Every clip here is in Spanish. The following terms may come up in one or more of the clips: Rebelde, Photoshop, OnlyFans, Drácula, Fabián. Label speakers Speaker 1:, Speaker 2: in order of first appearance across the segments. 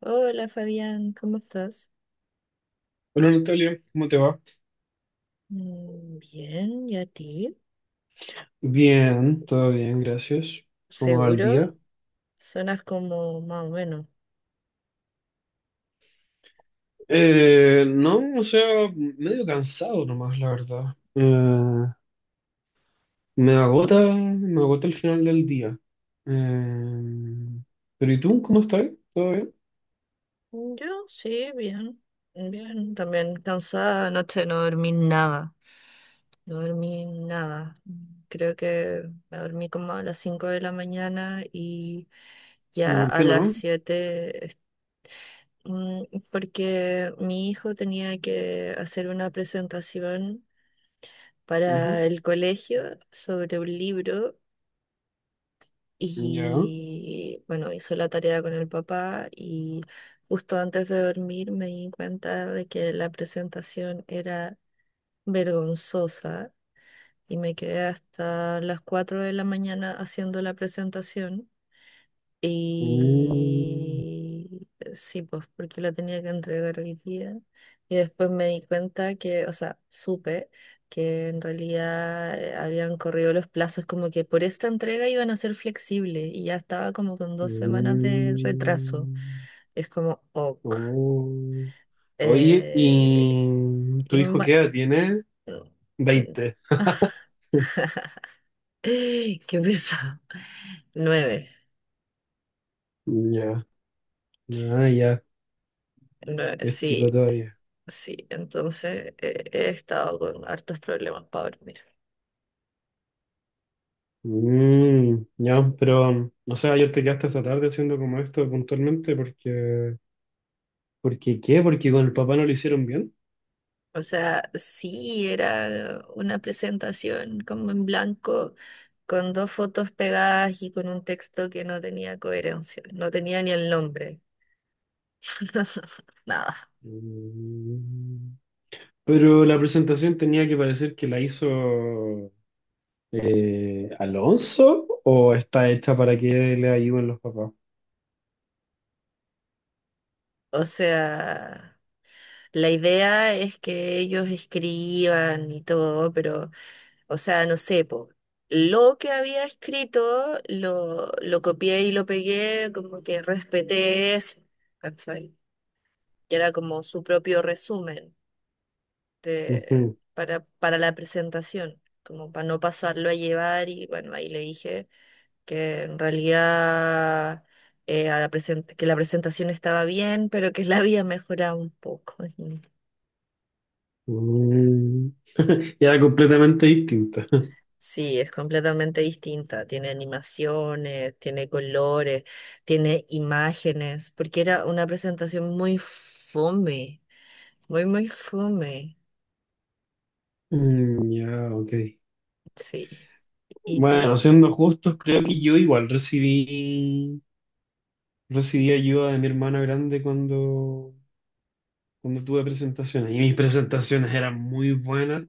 Speaker 1: Hola Fabián, ¿cómo estás?
Speaker 2: Hola Natalia, ¿cómo te va?
Speaker 1: Bien, ¿y a ti?
Speaker 2: Bien, todo bien, gracias. ¿Cómo va el día?
Speaker 1: ¿Seguro? Sonas como más o menos.
Speaker 2: No, o sea, medio cansado nomás, la verdad. Me agota, me agota el final del día. Eh, pero ¿y tú? ¿Cómo estás? ¿Todo bien?
Speaker 1: Yo sí, bien, bien. También cansada, anoche no dormí nada, no dormí nada. Creo que me dormí como a las 5 de la mañana y
Speaker 2: ¿Y
Speaker 1: ya
Speaker 2: por
Speaker 1: a
Speaker 2: qué
Speaker 1: las
Speaker 2: no?
Speaker 1: 7, Mm, porque mi hijo tenía que hacer una presentación
Speaker 2: Ujú.
Speaker 1: para el colegio sobre un libro.
Speaker 2: Ya.
Speaker 1: Y bueno, hizo la tarea con el papá, y justo antes de dormir me di cuenta de que la presentación era vergonzosa y me quedé hasta las 4 de la mañana haciendo la presentación.
Speaker 2: Mm.
Speaker 1: Y sí, pues porque lo tenía que entregar hoy día. Y después me di cuenta que, o sea, supe que en realidad habían corrido los plazos, como que por esta entrega iban a ser flexibles y ya estaba como con 2 semanas de retraso.
Speaker 2: Mm.
Speaker 1: Es como, ok.
Speaker 2: Oh. Oye,
Speaker 1: Eh,
Speaker 2: ¿y tu
Speaker 1: y
Speaker 2: hijo
Speaker 1: ma-
Speaker 2: qué edad tiene? 20.
Speaker 1: Qué pesado. 9,
Speaker 2: Ya. Ah, ya.
Speaker 1: nueve,
Speaker 2: Es chico
Speaker 1: sí.
Speaker 2: todavía.
Speaker 1: Sí, entonces he estado con hartos problemas, para dormir.
Speaker 2: Mm, ya, pero, o sea, ayer te quedaste hasta tarde haciendo como esto puntualmente porque, porque ¿qué? Porque con el papá no lo hicieron bien.
Speaker 1: O sea, sí, era una presentación como en blanco, con dos fotos pegadas y con un texto que no tenía coherencia, no tenía ni el nombre, nada.
Speaker 2: Mm, pero la presentación tenía que parecer que la hizo Alonso o está hecha para que le ayuden los papás.
Speaker 1: O sea, la idea es que ellos escriban y todo, pero... O sea, no sé, po, lo que había escrito lo copié y lo pegué, como que respeté eso, ¿cachai? Que era como su propio resumen de,
Speaker 2: Ujú.
Speaker 1: para la presentación, como para no pasarlo a llevar, y bueno, ahí le dije que en realidad que la presentación estaba bien, pero que la había mejorado un poco.
Speaker 2: Mm, era completamente distinta.
Speaker 1: Sí, es completamente distinta. Tiene animaciones, tiene colores, tiene imágenes, porque era una presentación muy fome, muy, muy fome.
Speaker 2: Mm, ya, ok.
Speaker 1: Sí. ¿Y tú?
Speaker 2: Bueno, siendo justos, creo que yo igual recibí. Recibí ayuda de mi hermana grande cuando, cuando tuve presentaciones. Y mis presentaciones eran muy buenas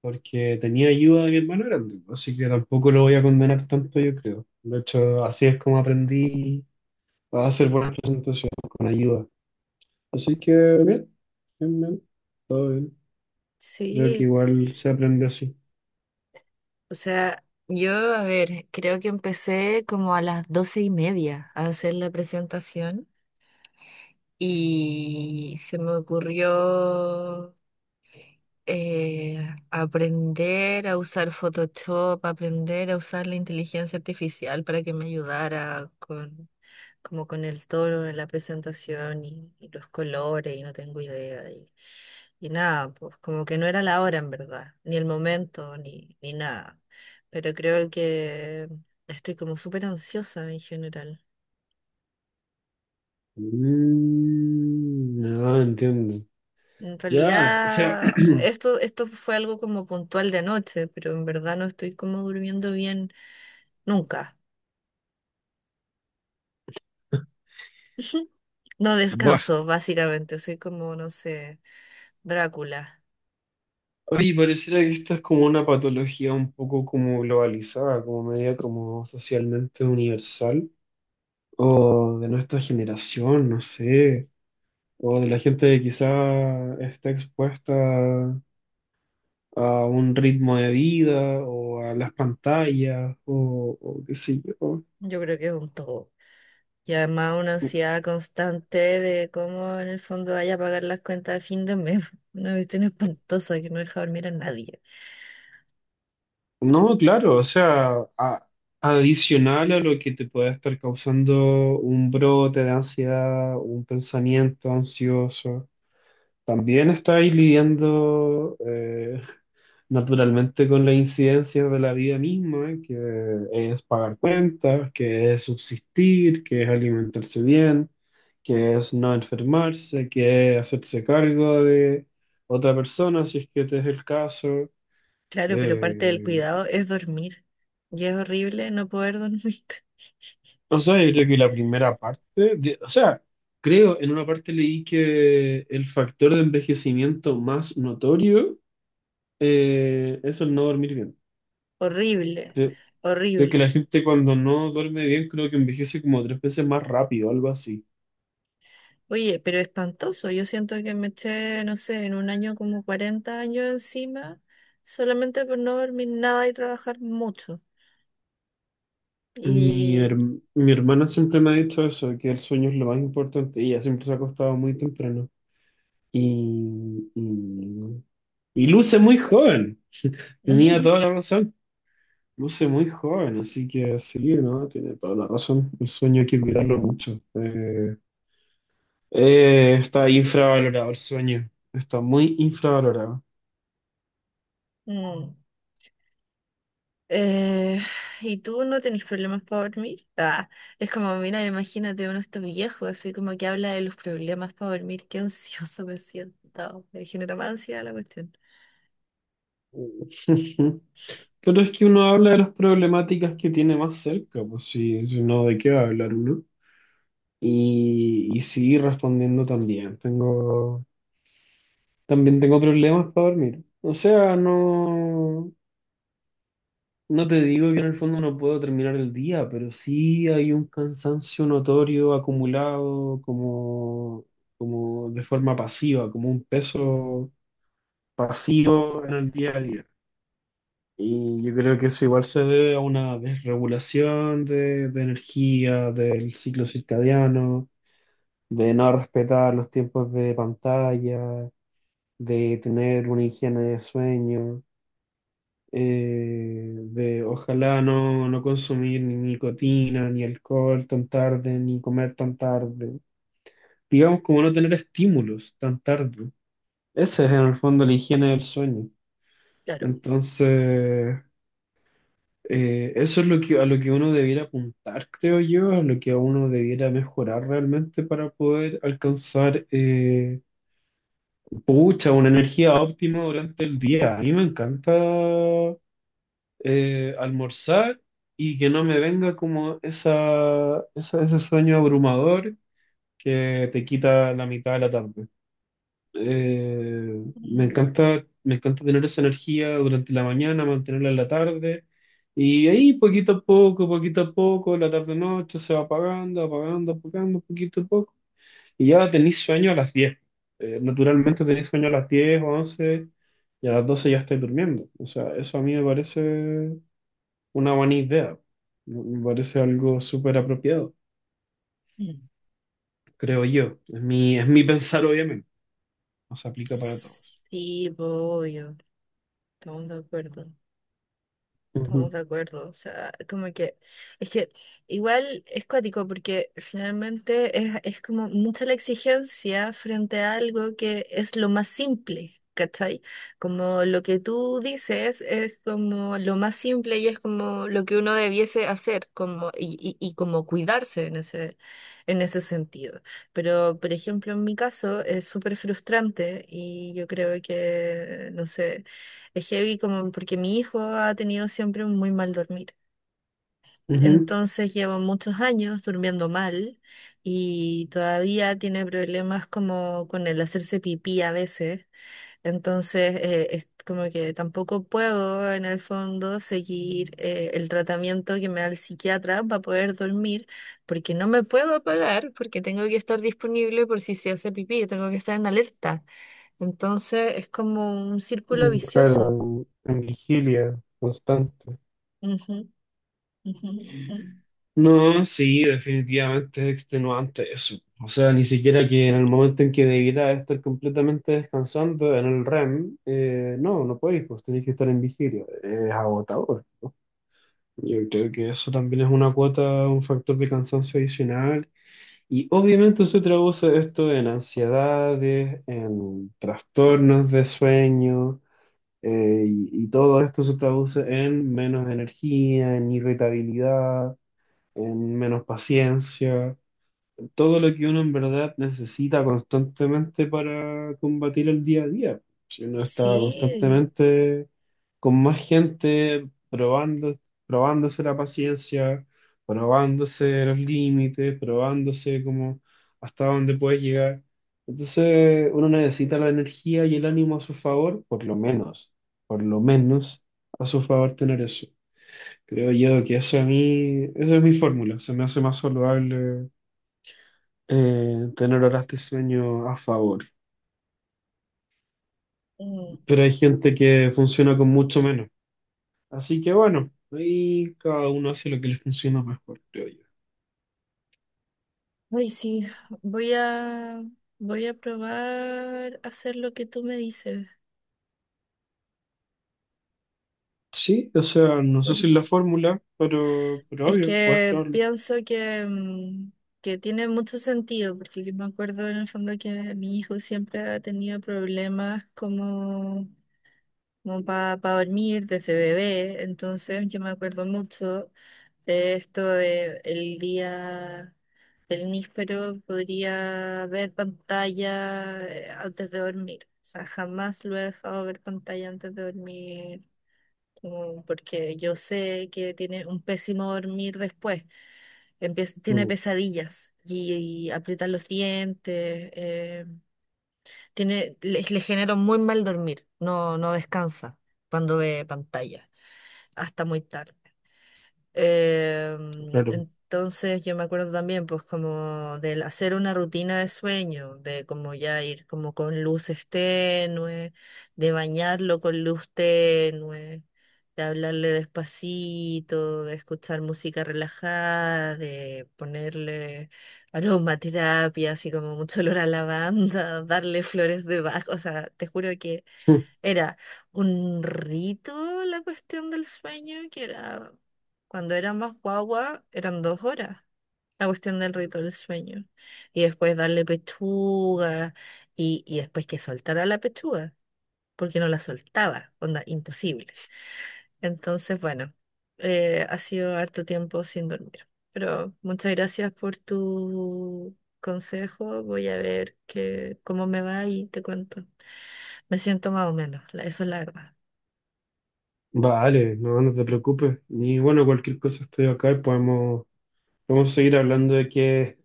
Speaker 2: porque tenía ayuda de mi hermana grande. Así que tampoco lo voy a condenar tanto, yo creo. De hecho, así es como aprendí a hacer buenas presentaciones con ayuda. Así que bien, bien, bien, todo bien. Creo que
Speaker 1: Sí.
Speaker 2: igual se aprende así.
Speaker 1: O sea, yo, a ver, creo que empecé como a las 12:30 a hacer la presentación y se me ocurrió eh, aprender a usar Photoshop, aprender a usar la inteligencia artificial para que me ayudara con, como con el tono en la presentación y los colores, y no tengo idea. Y nada, pues como que no era la hora en verdad, ni el momento, ni nada. Pero creo que estoy como súper ansiosa en general.
Speaker 2: Mm, ah, entiendo.
Speaker 1: En
Speaker 2: Ya, o sea,
Speaker 1: realidad, esto fue algo como puntual de noche, pero en verdad no estoy como durmiendo bien nunca. No
Speaker 2: buah.
Speaker 1: descanso, básicamente. Soy como, no sé, Drácula.
Speaker 2: Oye, pareciera que esta es como una patología un poco como globalizada, como media como socialmente universal, o de nuestra generación, no sé, o de la gente que quizá está expuesta a un ritmo de vida, o a las pantallas, o qué sé yo.
Speaker 1: Yo creo que es un todo. Y además una ansiedad constante de cómo en el fondo vaya a pagar las cuentas de fin de mes. Una cuestión espantosa que no deja dormir a nadie.
Speaker 2: No, claro, o sea, a- adicional a lo que te puede estar causando un brote de ansiedad, un pensamiento ansioso. También está ahí lidiando naturalmente con las incidencias de la vida misma, que es pagar cuentas, que es subsistir, que es alimentarse bien, que es no enfermarse, que es hacerse cargo de otra persona, si es que este es el caso.
Speaker 1: Claro, pero parte del
Speaker 2: Eh,
Speaker 1: cuidado es dormir. Y es horrible no poder dormir.
Speaker 2: o sea, yo creo que la primera parte, de- o sea, creo, en una parte leí que el factor de envejecimiento más notorio es el no dormir bien.
Speaker 1: Horrible,
Speaker 2: Sí. Creo que
Speaker 1: horrible.
Speaker 2: la gente cuando no duerme bien, creo que envejece como tres veces más rápido, algo así.
Speaker 1: Oye, pero espantoso. Yo siento que me eché, no sé, en un año como 40 años encima, solamente por no dormir nada y trabajar mucho.
Speaker 2: Mi,
Speaker 1: Y...
Speaker 2: herm- mi hermana siempre me ha dicho eso, que el sueño es lo más importante. Y ella siempre se ha acostado muy temprano. Y, y, y luce muy joven. Tenía toda la razón. Luce muy joven, así que sí, ¿no? Tiene toda la razón. El sueño hay que cuidarlo mucho. Está infravalorado el sueño. Está muy infravalorado.
Speaker 1: Mm. Eh, ¿Y tú no tenés problemas para dormir? Ah, es como, mira, imagínate, uno está viejo, así como que habla de los problemas para dormir. Qué ansioso me siento. Me genera más ansiedad la cuestión.
Speaker 2: Pero es que uno habla de las problemáticas que tiene más cerca, pues sí, si no, ¿de qué va a hablar uno? Y sí, respondiendo también, también tengo problemas para dormir. O sea, no, no te digo que en el fondo no puedo terminar el día, pero sí hay un cansancio notorio acumulado como, como de forma pasiva, como un peso pasivo en el día a día. Y yo creo que eso igual se debe a una desregulación de energía, del ciclo circadiano, de no respetar los tiempos de pantalla, de tener una higiene de sueño, de ojalá no, no consumir ni nicotina, ni alcohol tan tarde, ni comer tan tarde. Digamos como no tener estímulos tan tarde. Ese es en el fondo la higiene del sueño.
Speaker 1: Claro.
Speaker 2: Entonces... eso es lo que, a lo que uno debiera apuntar, creo yo, a lo que uno debiera mejorar realmente para poder alcanzar, pucha, una energía óptima durante el día. A mí me encanta almorzar y que no me venga como esa- ese sueño abrumador que te quita la mitad de la tarde.
Speaker 1: Mm.
Speaker 2: Me encanta tener esa energía durante la mañana, mantenerla en la tarde. Y ahí poquito a poco, la tarde-noche se va apagando, apagando, apagando, poquito a poco. Y ya tenéis sueño a las 10. Naturalmente tenéis sueño a las 10 o 11 y a las 12 ya estáis durmiendo. O sea, eso a mí me parece una buena idea. Me parece algo súper apropiado,
Speaker 1: Mm.
Speaker 2: creo yo. Es mi pensar, obviamente. No se aplica para todos.
Speaker 1: Sí, voy. Estamos de acuerdo, estamos
Speaker 2: Ujú,
Speaker 1: de acuerdo. O sea, como que, es que igual es cuático porque finalmente es como mucha la exigencia frente a algo que es lo más simple, ¿cachai? Como lo que tú dices es como lo más simple y es como lo que uno debiese hacer, como, y como cuidarse en en ese sentido. Pero, por ejemplo, en mi caso es súper frustrante y yo creo que, no sé. Es heavy, como porque mi hijo ha tenido siempre un muy mal dormir.
Speaker 2: ujú.
Speaker 1: Entonces llevo muchos años durmiendo mal y todavía tiene problemas como con el hacerse pipí a veces. Entonces es como que tampoco puedo en el fondo seguir el tratamiento que me da el psiquiatra para poder dormir, porque no me puedo apagar porque tengo que estar disponible por si se hace pipí, yo tengo que estar en alerta. Entonces es como un círculo
Speaker 2: Mm, claro,
Speaker 1: vicioso.
Speaker 2: en vigilia constante.
Speaker 1: Ujú. Ujú, ujú.
Speaker 2: No, sí, definitivamente es extenuante eso. O sea, ni siquiera que en el momento en que debiera estar completamente descansando en el REM, no, no podéis, pues tenéis que estar en vigilia. Es agotador, ¿no? Yo creo que eso también es una cuota, un factor de cansancio adicional. Y obviamente se traduce esto en ansiedades, en trastornos de sueño. Y todo esto se traduce en menos energía, en irritabilidad, en menos paciencia, todo lo que uno en verdad necesita constantemente para combatir el día a día. Si uno está
Speaker 1: Sí,
Speaker 2: constantemente con más gente, probando, probándose la paciencia, probándose los límites, probándose como hasta dónde puedes llegar. Entonces uno necesita la energía y el ánimo a su favor, por lo menos a su favor tener eso. Creo yo que eso a mí, esa es mi fórmula, se me hace más saludable tener horas de sueño a favor.
Speaker 1: mm,
Speaker 2: Pero hay gente que funciona con mucho menos. Así que bueno, ahí cada uno hace lo que le funciona mejor, creo yo.
Speaker 1: ay, sí, voy a, voy a probar hacer lo que tú me dices,
Speaker 2: Sí, o sea, no sé si es la
Speaker 1: porque
Speaker 2: fórmula, pero
Speaker 1: es
Speaker 2: obvio, puedes
Speaker 1: que
Speaker 2: probarlo.
Speaker 1: pienso que tiene mucho sentido, porque yo me acuerdo en el fondo que mi hijo siempre ha tenido problemas como para dormir desde bebé. Entonces yo me acuerdo mucho de esto de el día del níspero podría ver pantalla antes de dormir. O sea, jamás lo he dejado ver pantalla antes de dormir, como porque yo sé que tiene un pésimo dormir después. Tiene
Speaker 2: Mm,
Speaker 1: pesadillas y aprieta los dientes, eh, le genera un muy mal dormir, no, no descansa cuando ve pantalla hasta muy tarde. Eh,
Speaker 2: claro.
Speaker 1: entonces yo me acuerdo también, pues como del hacer una rutina de sueño, de como ya ir como con luces tenues, de bañarlo con luz tenue, de hablarle despacito, de escuchar música relajada, de ponerle aromaterapia, así como mucho olor a lavanda, darle flores debajo, o sea, te juro que era un rito la cuestión del sueño, que era cuando era más guagua, eran 2 horas la cuestión del rito del sueño. Y después darle pechuga y después que soltara la pechuga, porque no la soltaba, onda, imposible. Entonces, bueno, ha sido harto tiempo sin dormir. Pero muchas gracias por tu consejo. Voy a ver que, cómo me va y te cuento. Me siento más o menos, eso es la verdad.
Speaker 2: Vale, no, no te preocupes. Y bueno, cualquier cosa estoy acá y podemos, podemos seguir hablando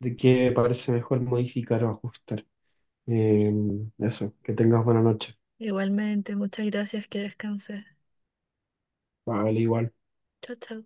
Speaker 2: de qué parece mejor modificar o ajustar. Eh, eso, que tengas buena noche.
Speaker 1: Igualmente, muchas gracias, que descanses.
Speaker 2: Vale, igual.
Speaker 1: Chao, chao.